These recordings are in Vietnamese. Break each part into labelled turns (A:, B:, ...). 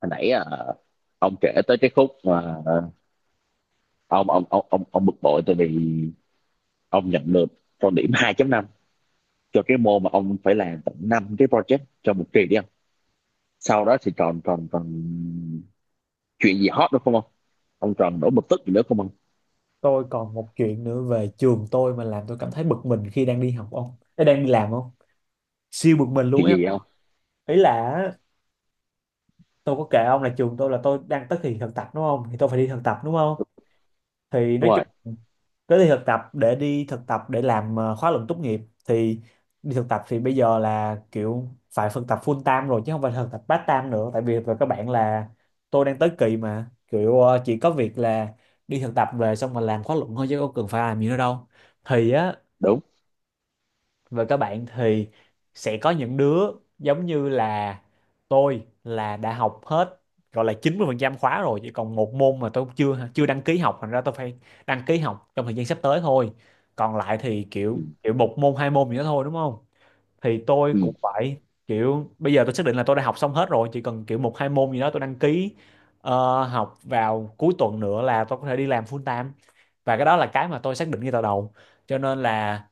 A: Hồi nãy ông kể tới cái khúc mà ông bực bội tại vì ông nhận được con điểm 2,5 cho cái môn mà ông phải làm tận 5 cái project trong một kỳ đi không? Sau đó thì còn còn còn chuyện gì hot nữa không ông? Ông còn nổi bực tức gì nữa không ông?
B: Tôi còn một chuyện nữa về trường tôi mà làm tôi cảm thấy bực mình khi đang đi học, ông. Ê, đang đi làm không, siêu bực mình luôn
A: Chuyện
B: ấy.
A: gì vậy ông?
B: Ý là á, tôi có kể ông là trường tôi là tôi đang tới kỳ thực tập đúng không, thì tôi phải đi thực tập đúng không, thì
A: Đúng
B: nói chung
A: rồi,
B: tới đi thực tập để làm khóa luận tốt nghiệp. Thì đi thực tập thì bây giờ là kiểu phải thực tập full time rồi chứ không phải thực tập part time nữa, tại vì về các bạn là tôi đang tới kỳ mà kiểu chỉ có việc là đi thực tập về xong mà làm khóa luận thôi chứ không cần phải làm gì nữa đâu, thì á.
A: đúng.
B: Và các bạn thì sẽ có những đứa giống như là tôi là đã học hết gọi là 90% khóa rồi, chỉ còn một môn mà tôi chưa chưa đăng ký học, thành ra tôi phải đăng ký học trong thời gian sắp tới thôi. Còn lại thì
A: Ừ,
B: kiểu kiểu một môn hai môn gì đó thôi đúng không. Thì tôi
A: ừ,
B: cũng phải kiểu bây giờ tôi xác định là tôi đã học xong hết rồi, chỉ cần kiểu một hai môn gì đó tôi đăng ký học vào cuối tuần nữa là tôi có thể đi làm full time. Và cái đó là cái mà tôi xác định ngay từ đầu, cho nên là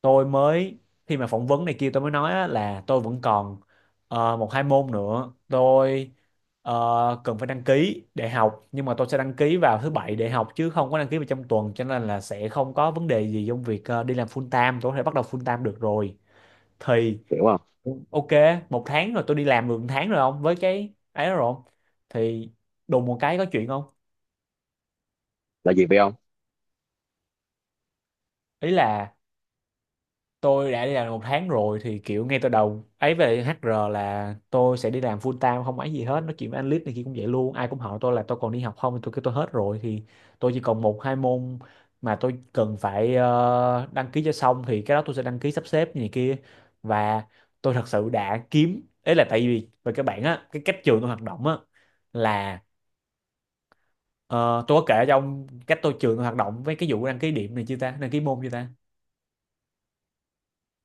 B: tôi mới khi mà phỏng vấn này kia tôi mới nói á, là tôi vẫn còn một hai môn nữa tôi cần phải đăng ký để học, nhưng mà tôi sẽ đăng ký vào thứ bảy để học chứ không có đăng ký vào trong tuần, cho nên là sẽ không có vấn đề gì trong việc đi làm full time, tôi có thể bắt đầu full time được rồi. Thì
A: hiểu không?
B: ok, một tháng rồi tôi đi làm được một tháng rồi không, với cái ấy đó rồi không, thì đùng một cái có chuyện không.
A: Là gì vậy ông?
B: Ý là tôi đã đi làm một tháng rồi thì kiểu ngay từ đầu ấy về HR là tôi sẽ đi làm full time, không ấy gì hết, nói chuyện với anh Lít này kia cũng vậy luôn, ai cũng hỏi tôi là tôi còn đi học không thì tôi kêu tôi hết rồi, thì tôi chỉ còn một hai môn mà tôi cần phải đăng ký cho xong, thì cái đó tôi sẽ đăng ký sắp xếp như này kia. Và tôi thật sự đã kiếm ấy là tại vì về các bạn á, cái cách trường tôi hoạt động á là Ờ, tôi có kể cho ông cách trường tôi hoạt động với cái vụ đăng ký điểm này chưa ta, đăng ký môn chưa ta.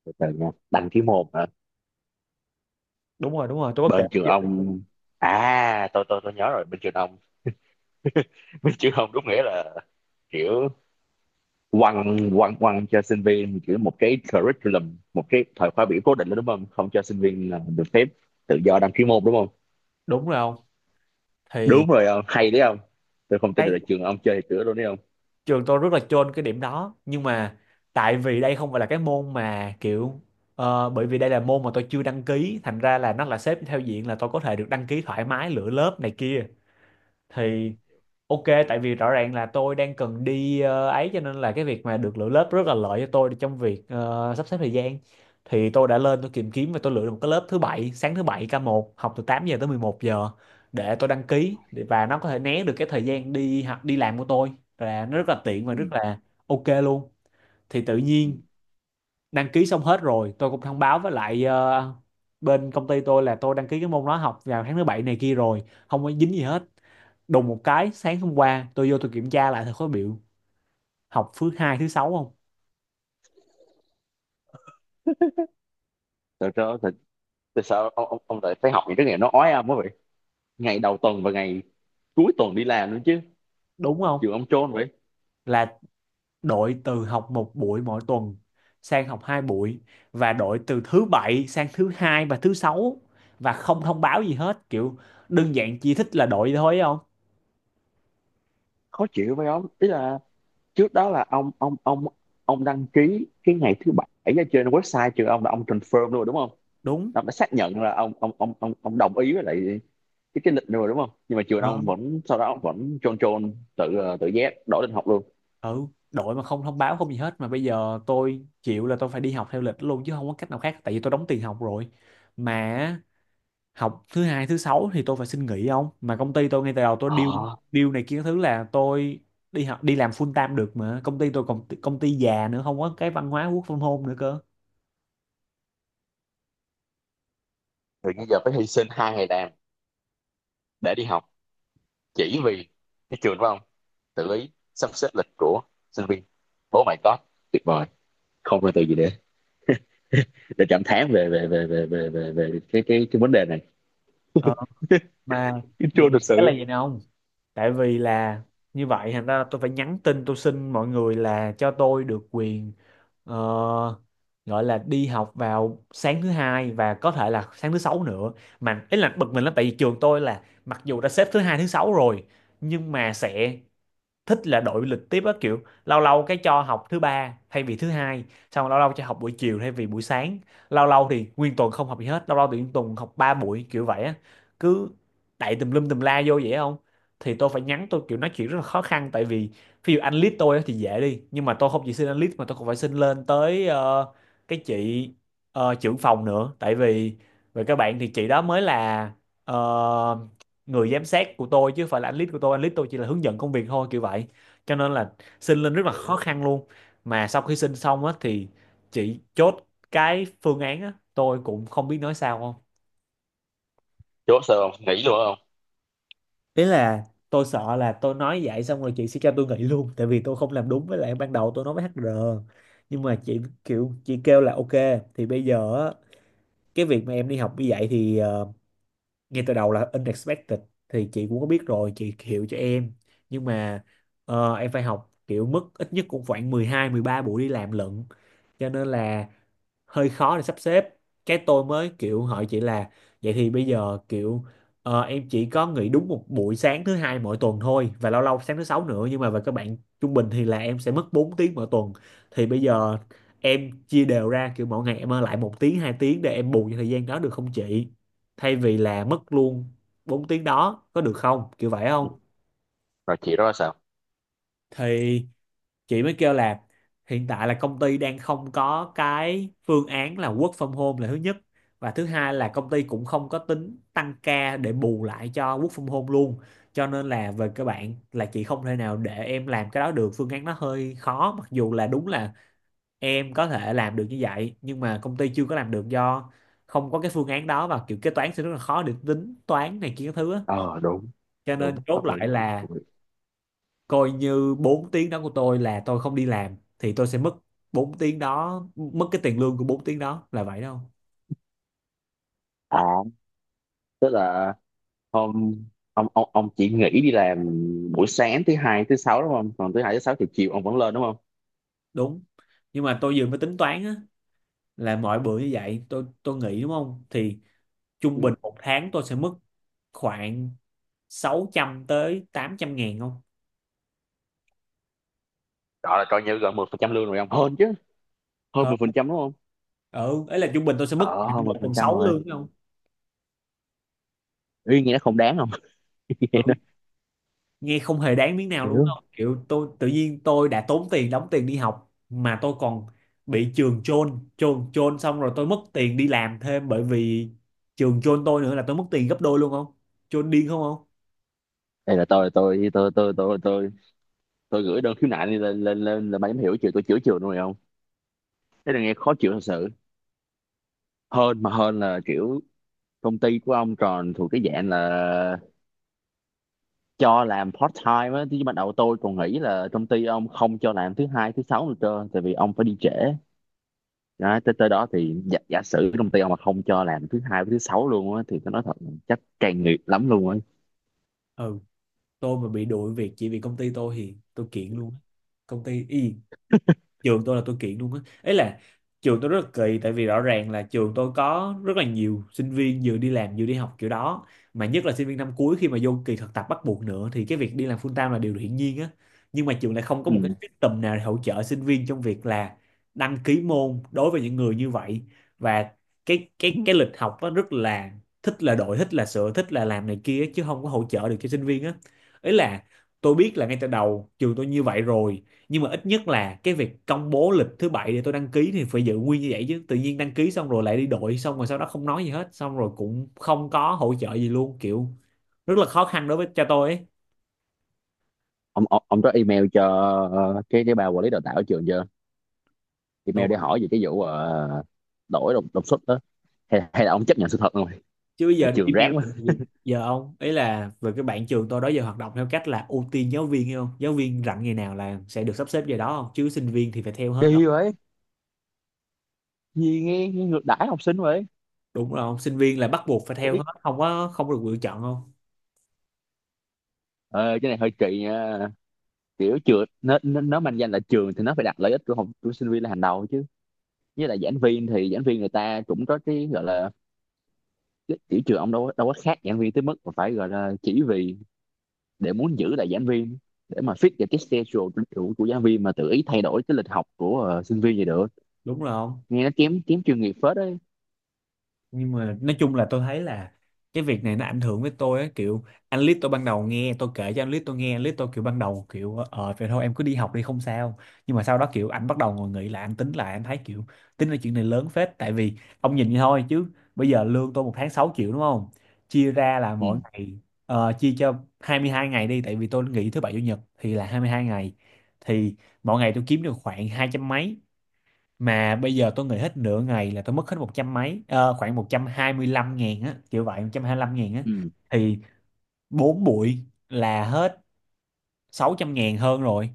A: Từ từ nha, đăng ký môn hả?
B: Đúng rồi, đúng rồi, tôi có kể
A: Bên trường
B: cái vụ-
A: ông. À tôi nhớ rồi, bên trường ông. Bên trường ông đúng nghĩa là kiểu quăng quăng quăng cho sinh viên kiểu một cái curriculum, một cái thời khóa biểu cố định đó, đúng không? Không cho sinh viên là được phép tự do đăng ký môn đúng không?
B: đúng rồi không, thì
A: Đúng rồi không, hay đấy không. Tôi không tin được
B: cái
A: là trường ông chơi cửa luôn đấy không.
B: trường tôi rất là chôn cái điểm đó, nhưng mà tại vì đây không phải là cái môn mà kiểu bởi vì đây là môn mà tôi chưa đăng ký, thành ra là nó là xếp theo diện là tôi có thể được đăng ký thoải mái lựa lớp này kia. Thì ok, tại vì rõ ràng là tôi đang cần đi ấy, cho nên là cái việc mà được lựa lớp rất là lợi cho tôi trong việc sắp xếp thời gian. Thì tôi đã lên tôi tìm kiếm và tôi lựa được một cái lớp thứ bảy, sáng thứ bảy ca một, học từ 8 giờ tới 11 giờ để tôi đăng ký và nó có thể né được cái thời gian đi học đi làm của tôi, và nó rất là tiện và
A: Ừ.
B: rất là ok luôn. Thì tự
A: Ừ.
B: nhiên đăng ký xong hết rồi, tôi cũng thông báo với lại bên công ty tôi là tôi đăng ký cái môn đó học vào tháng thứ bảy này kia rồi, không có dính gì hết. Đùng một cái sáng hôm qua tôi vô tôi kiểm tra lại thầy có biểu học thứ hai thứ sáu không,
A: tại sao tại, tại sao ông lại phải học những cái nghề nó ói ông quá vậy? Ngày đầu tuần và ngày cuối tuần đi làm nữa chứ,
B: đúng không,
A: trường ông trôn vậy.
B: là đổi từ học một buổi mỗi tuần sang học hai buổi, và đổi từ thứ bảy sang thứ hai và thứ sáu, và không thông báo gì hết kiểu đơn giản chỉ thích là đổi thôi không.
A: Khó chịu phải không, tức là trước đó là ông đăng ký cái ngày thứ bảy ở trên website trường ông là ông confirm luôn rồi, đúng không?
B: Đúng.
A: Ông đã xác nhận là ông đồng ý với lại cái lịch rồi đúng không, nhưng mà trường
B: Ờ.
A: ông vẫn sau đó vẫn chôn chôn tự tự giác đổi lịch học luôn.
B: Ừ. Đổi mà không thông báo không gì hết, mà bây giờ tôi chịu là tôi phải đi học theo lịch luôn chứ không có cách nào khác, tại vì tôi đóng tiền học rồi, mà học thứ hai thứ sáu thì tôi phải xin nghỉ không, mà công ty tôi ngay từ đầu tôi deal
A: ờ
B: deal này kia các thứ là tôi đi học đi làm full time được, mà công ty tôi còn công ty già nữa không có cái văn hóa work from home nữa cơ.
A: Rồi bây giờ phải hy sinh hai ngày làm để đi học chỉ vì cái trường, phải không? Tự ý sắp xếp lịch của sinh viên. Oh my god, tuyệt vời. Không có từ gì để cảm thán về cái vấn đề này.
B: Ờ, mà
A: Chứ chưa
B: bực mình
A: thực
B: cái là
A: sự.
B: gì nào không, tại vì là như vậy thành ra tôi phải nhắn tin tôi xin mọi người là cho tôi được quyền ờ, gọi là đi học vào sáng thứ hai và có thể là sáng thứ sáu nữa. Mà ý là bực mình lắm tại vì trường tôi là mặc dù đã xếp thứ hai thứ sáu rồi nhưng mà sẽ thích là đổi lịch tiếp á, kiểu lâu lâu cái cho học thứ ba thay vì thứ hai, xong rồi lâu lâu cho học buổi chiều thay vì buổi sáng, lâu lâu thì nguyên tuần không học gì hết, lâu lâu thì nguyên tuần học ba buổi kiểu vậy á, cứ đậy tùm lum tùm la vô vậy không. Thì tôi phải nhắn, tôi kiểu nói chuyện rất là khó khăn tại vì ví dụ anh lead tôi á thì dễ đi, nhưng mà tôi không chỉ xin anh lead mà tôi còn phải xin lên tới cái chị trưởng phòng nữa, tại vì về các bạn thì chị đó mới là ờ, người giám sát của tôi chứ không phải là anh lead của tôi, anh lead tôi chỉ là hướng dẫn công việc thôi kiểu vậy, cho nên là xin lên rất là khó
A: Hiểu.
B: khăn luôn. Mà sau khi xin xong á thì chị chốt cái phương án á, tôi cũng không biết nói sao không.
A: Chú sao không nghĩ luôn không?
B: Ý là tôi sợ là tôi nói vậy xong rồi chị sẽ cho tôi nghỉ luôn tại vì tôi không làm đúng với lại ban đầu tôi nói với HR, nhưng mà chị kêu là ok. Thì bây giờ á, cái việc mà em đi học như vậy thì ngay từ đầu là unexpected, thì chị cũng có biết rồi chị hiểu cho em, nhưng mà em phải học kiểu mức ít nhất cũng khoảng 12-13 buổi đi làm lận, cho nên là hơi khó để sắp xếp. Cái tôi mới kiểu hỏi chị là vậy thì bây giờ kiểu em chỉ có nghỉ đúng một buổi sáng thứ hai mỗi tuần thôi và lâu lâu sáng thứ sáu nữa, nhưng mà về các bạn trung bình thì là em sẽ mất 4 tiếng mỗi tuần. Thì bây giờ em chia đều ra kiểu mỗi ngày em ở lại một tiếng hai tiếng để em bù cho thời gian đó được không chị, thay vì là mất luôn 4 tiếng đó có được không kiểu vậy
A: Ừ.
B: không.
A: Rồi chị đó sao?
B: Thì chị mới kêu là hiện tại là công ty đang không có cái phương án là work from home là thứ nhất, và thứ hai là công ty cũng không có tính tăng ca để bù lại cho work from home luôn. Cho nên là về các bạn là chị không thể nào để em làm cái đó được, phương án nó hơi khó, mặc dù là đúng là em có thể làm được như vậy nhưng mà công ty chưa có làm được do không có cái phương án đó và kiểu kế toán sẽ rất là khó để tính toán này kia các thứ á.
A: Ờ Đúng.
B: Cho nên
A: Đúng
B: chốt
A: hợp lý.
B: lại là
A: Đúng.
B: coi như 4 tiếng đó của tôi là tôi không đi làm thì tôi sẽ mất 4 tiếng đó, mất cái tiền lương của 4 tiếng đó là vậy đâu.
A: À tức là. Không, ông chỉ nghỉ đi làm buổi sáng thứ hai thứ sáu đúng không? Còn thứ hai thứ sáu thì chiều ông vẫn lên đúng không?
B: Đúng. Nhưng mà tôi vừa mới tính toán á, là mỗi bữa như vậy tôi nghỉ đúng không, thì trung
A: Ừ.
B: bình một tháng tôi sẽ mất khoảng 600 tới 800 ngàn không.
A: Đó là coi như gần 10% lương rồi ông, hơn chứ? Hơn mười
B: Hơn.
A: phần trăm đúng không?
B: Ừ, ấy là trung bình tôi sẽ mất
A: Ờ Hơn
B: khoảng một
A: mười phần
B: phần
A: trăm
B: sáu
A: rồi.
B: lương đúng không.
A: Ý nghĩa không đáng không?
B: Ừ. Nghe không hề đáng miếng nào luôn
A: Hiểu.
B: không, kiểu tôi tự nhiên tôi đã tốn tiền đóng tiền đi học mà tôi còn bị trường chôn chôn chôn xong rồi tôi mất tiền đi làm thêm bởi vì trường chôn tôi nữa là tôi mất tiền gấp đôi luôn không. Chôn điên không không.
A: Đây là tôi tôi gửi đơn khiếu nại đi lên lên lên là mày hiểu chiều tôi chữa chiều luôn rồi không? Thế là nghe khó chịu thật sự, hơn mà, hơn là kiểu công ty của ông tròn thuộc cái dạng là cho làm part time á. Thì ban đầu tôi còn nghĩ là công ty ông không cho làm thứ hai thứ sáu nữa trơn, tại vì ông phải đi trễ đó, tới tới đó thì giả sử công ty ông mà không cho làm thứ hai với thứ sáu luôn á thì tôi nói thật chắc càng nghiệp lắm luôn á.
B: Ừ, tôi mà bị đuổi việc chỉ vì công ty tôi thì tôi kiện luôn á. Công ty y, trường tôi là tôi kiện luôn á. Ấy là trường tôi rất là kỳ, tại vì rõ ràng là trường tôi có rất là nhiều sinh viên vừa đi làm vừa đi học kiểu đó, mà nhất là sinh viên năm cuối khi mà vô kỳ thực tập bắt buộc nữa thì cái việc đi làm full time là điều hiển nhiên á. Nhưng mà trường lại không có một cái
A: Ừ.
B: system nào để hỗ trợ sinh viên trong việc là đăng ký môn đối với những người như vậy, và cái lịch học nó rất là thích là đội, thích là sửa, thích là làm này kia, chứ không có hỗ trợ được cho sinh viên á. Ấy là tôi biết là ngay từ đầu trường tôi như vậy rồi, nhưng mà ít nhất là cái việc công bố lịch thứ bảy để tôi đăng ký thì phải giữ nguyên như vậy chứ, tự nhiên đăng ký xong rồi lại đi đội, xong rồi sau đó không nói gì hết, xong rồi cũng không có hỗ trợ gì luôn, kiểu rất là khó khăn đối với cho tôi ấy.
A: ông ông có email cho cái bà quản lý đào tạo ở trường chưa, email
B: Tôi
A: để hỏi về cái vụ đổi đột đột xuất đó, hay là ông chấp nhận sự thật rồi
B: chứ bây
A: là
B: giờ
A: trường rác
B: email
A: quá?
B: làm gì. Giờ ông, ấy là về cái bạn trường tôi đó, giờ hoạt động theo cách là ưu tiên giáo viên, hiểu không, giáo viên rảnh ngày nào là sẽ được sắp xếp giờ đó không, chứ sinh viên thì phải theo hết không.
A: Kỳ vậy. Gì nghe ngược đãi học sinh vậy.
B: Đúng rồi không, sinh viên là bắt buộc phải theo hết, không có, không có được lựa chọn không.
A: Ờ, cái này hơi kỳ nha, kiểu trường nó manh danh là trường thì nó phải đặt lợi ích của học của sinh viên là hàng đầu chứ. Với lại giảng viên thì giảng viên người ta cũng có cái gọi là cái kiểu trường ông đâu có khác giảng viên tới mức mà phải gọi là, chỉ vì để muốn giữ lại giảng viên, để mà fit vào cái schedule của giảng viên mà tự ý thay đổi cái lịch học của sinh viên vậy được.
B: Đúng rồi không.
A: Nghe nó kém kém chuyên nghiệp phết đấy.
B: Nhưng mà nói chung là tôi thấy là cái việc này nó ảnh hưởng với tôi á, kiểu anh Lít tôi ban đầu nghe tôi kể, cho anh Lít tôi nghe, anh Lít tôi kiểu ban đầu kiểu vậy thôi em cứ đi học đi không sao. Nhưng mà sau đó kiểu anh bắt đầu ngồi nghĩ lại, anh tính lại, anh thấy kiểu tính là chuyện này lớn phết, tại vì ông nhìn vậy thôi chứ bây giờ lương tôi một tháng 6 triệu đúng không, chia ra là
A: Ừ,
B: mỗi ngày chia cho 22 ngày đi, tại vì tôi nghỉ thứ bảy chủ nhật thì là 22 ngày, thì mỗi ngày tôi kiếm được khoảng hai trăm mấy. Mà bây giờ tôi nghỉ hết nửa ngày là tôi mất hết một trăm mấy, khoảng 125 ngàn á, kiểu vậy, 125 ngàn á.
A: ừ,
B: Thì bốn buổi là hết 600 ngàn hơn rồi,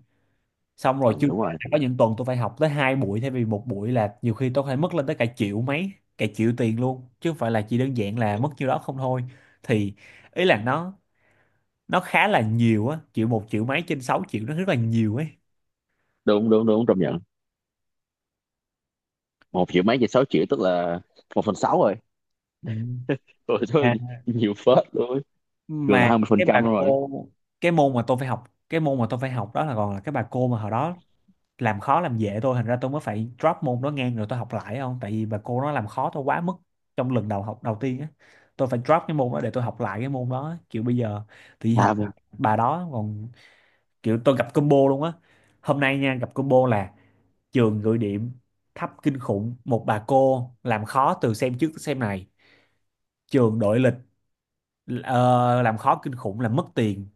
B: xong
A: ừ
B: rồi chưa
A: đúng
B: kể
A: rồi.
B: là có những tuần tôi phải học tới hai buổi thay vì một buổi, là nhiều khi tôi phải mất lên tới cả triệu mấy, cả triệu tiền luôn, chứ không phải là chỉ đơn giản là mất nhiêu đó không thôi. Thì ý là nó khá là nhiều á, kiểu một triệu mấy trên 6 triệu nó rất là nhiều ấy.
A: Đúng, đúng, đúng, công nhận. 1 triệu mấy về 6 triệu tức là một phần sáu rồi.
B: Ừ.
A: Ôi thôi, nhiều phết luôn, gần
B: Mà
A: hai mươi phần
B: cái bà
A: trăm rồi.
B: cô, cái môn mà tôi phải học, cái môn mà tôi phải học đó là còn là cái bà cô mà hồi đó làm khó làm dễ tôi, thành ra tôi mới phải drop môn đó ngang rồi tôi học lại không, tại vì bà cô nó làm khó tôi quá mức trong lần đầu học đầu tiên á. Tôi phải drop cái môn đó để tôi học lại cái môn đó á. Kiểu bây giờ tự nhiên
A: À,
B: học bà đó còn kiểu tôi gặp combo luôn á. Hôm nay nha gặp combo là trường gửi điểm thấp kinh khủng, một bà cô làm khó từ xem trước tới xem này, trường đội lịch, ờ, làm khó kinh khủng là mất tiền.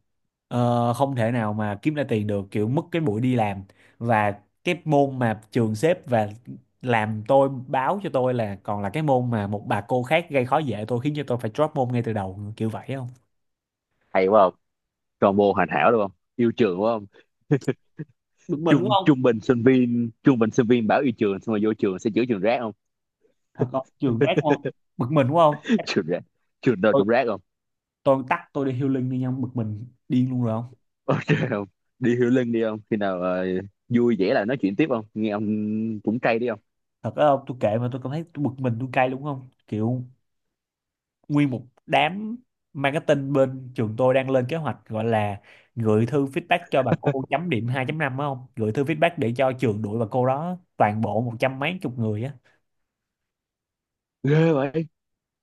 B: Không thể nào mà kiếm ra tiền được, kiểu mất cái buổi đi làm và cái môn mà trường xếp, và làm tôi báo cho tôi là còn là cái môn mà một bà cô khác gây khó dễ tôi khiến cho tôi phải drop môn ngay từ đầu, kiểu vậy không.
A: hay quá, combo hoàn hảo đúng không, yêu trường đúng không?
B: Bực mình đúng
A: trung
B: không.
A: trung bình sinh viên trung bình sinh viên bảo yêu trường xong rồi vô trường sẽ chữa trường rác không.
B: Thật không, trường rác không. Bực mình đúng không.
A: Trường rác. Trường đâu
B: tôi
A: cũng rác không.
B: tôi tắt, tôi đi healing đi nha, bực mình điên luôn rồi không.
A: Ok không, đi hiểu lưng đi không, khi nào vui vẻ là nói chuyện tiếp không nghe ông, cũng cay đi không.
B: Thật đó không, tôi kệ mà, tôi cảm thấy tôi bực mình, tôi cay đúng không, kiểu nguyên một đám marketing bên trường tôi đang lên kế hoạch gọi là gửi thư feedback cho bà cô chấm điểm 2.5 phải không? Gửi thư feedback để cho trường đuổi bà cô đó, toàn bộ một trăm mấy chục người á.
A: Ghê vậy,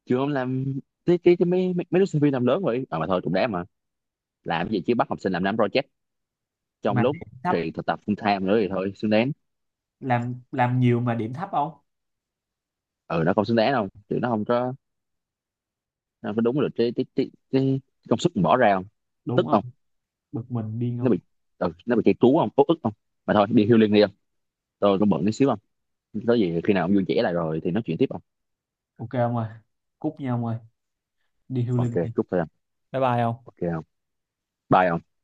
A: trường ông làm cái mấy, mấy mấy đứa sinh viên làm lớn vậy à, mà thôi cũng đáng mà. Làm cái gì chứ, bắt học sinh làm năm project trong
B: Mà
A: lúc
B: điểm thấp,
A: thì thực tập full time nữa thì thôi xứng đáng.
B: làm nhiều mà điểm thấp không?
A: Ừ, nó không xứng đáng đâu chứ, nó không có đúng được cái công sức mình bỏ ra không,
B: Đúng
A: tức
B: không?
A: không.
B: Bực mình điên
A: nó bị
B: không?
A: ừ, nó bị chạy trú không, út ức không, mà thôi đi healing đi không, tôi cũng bận tí xíu không. Có gì khi nào ông vui vẻ lại rồi thì nói chuyện tiếp không.
B: Ok không ơi? Cúp nhau không ơi? Đi
A: Ok
B: healing nha.
A: chúc thôi không.
B: Bye bye không?
A: Ok không. Bye không.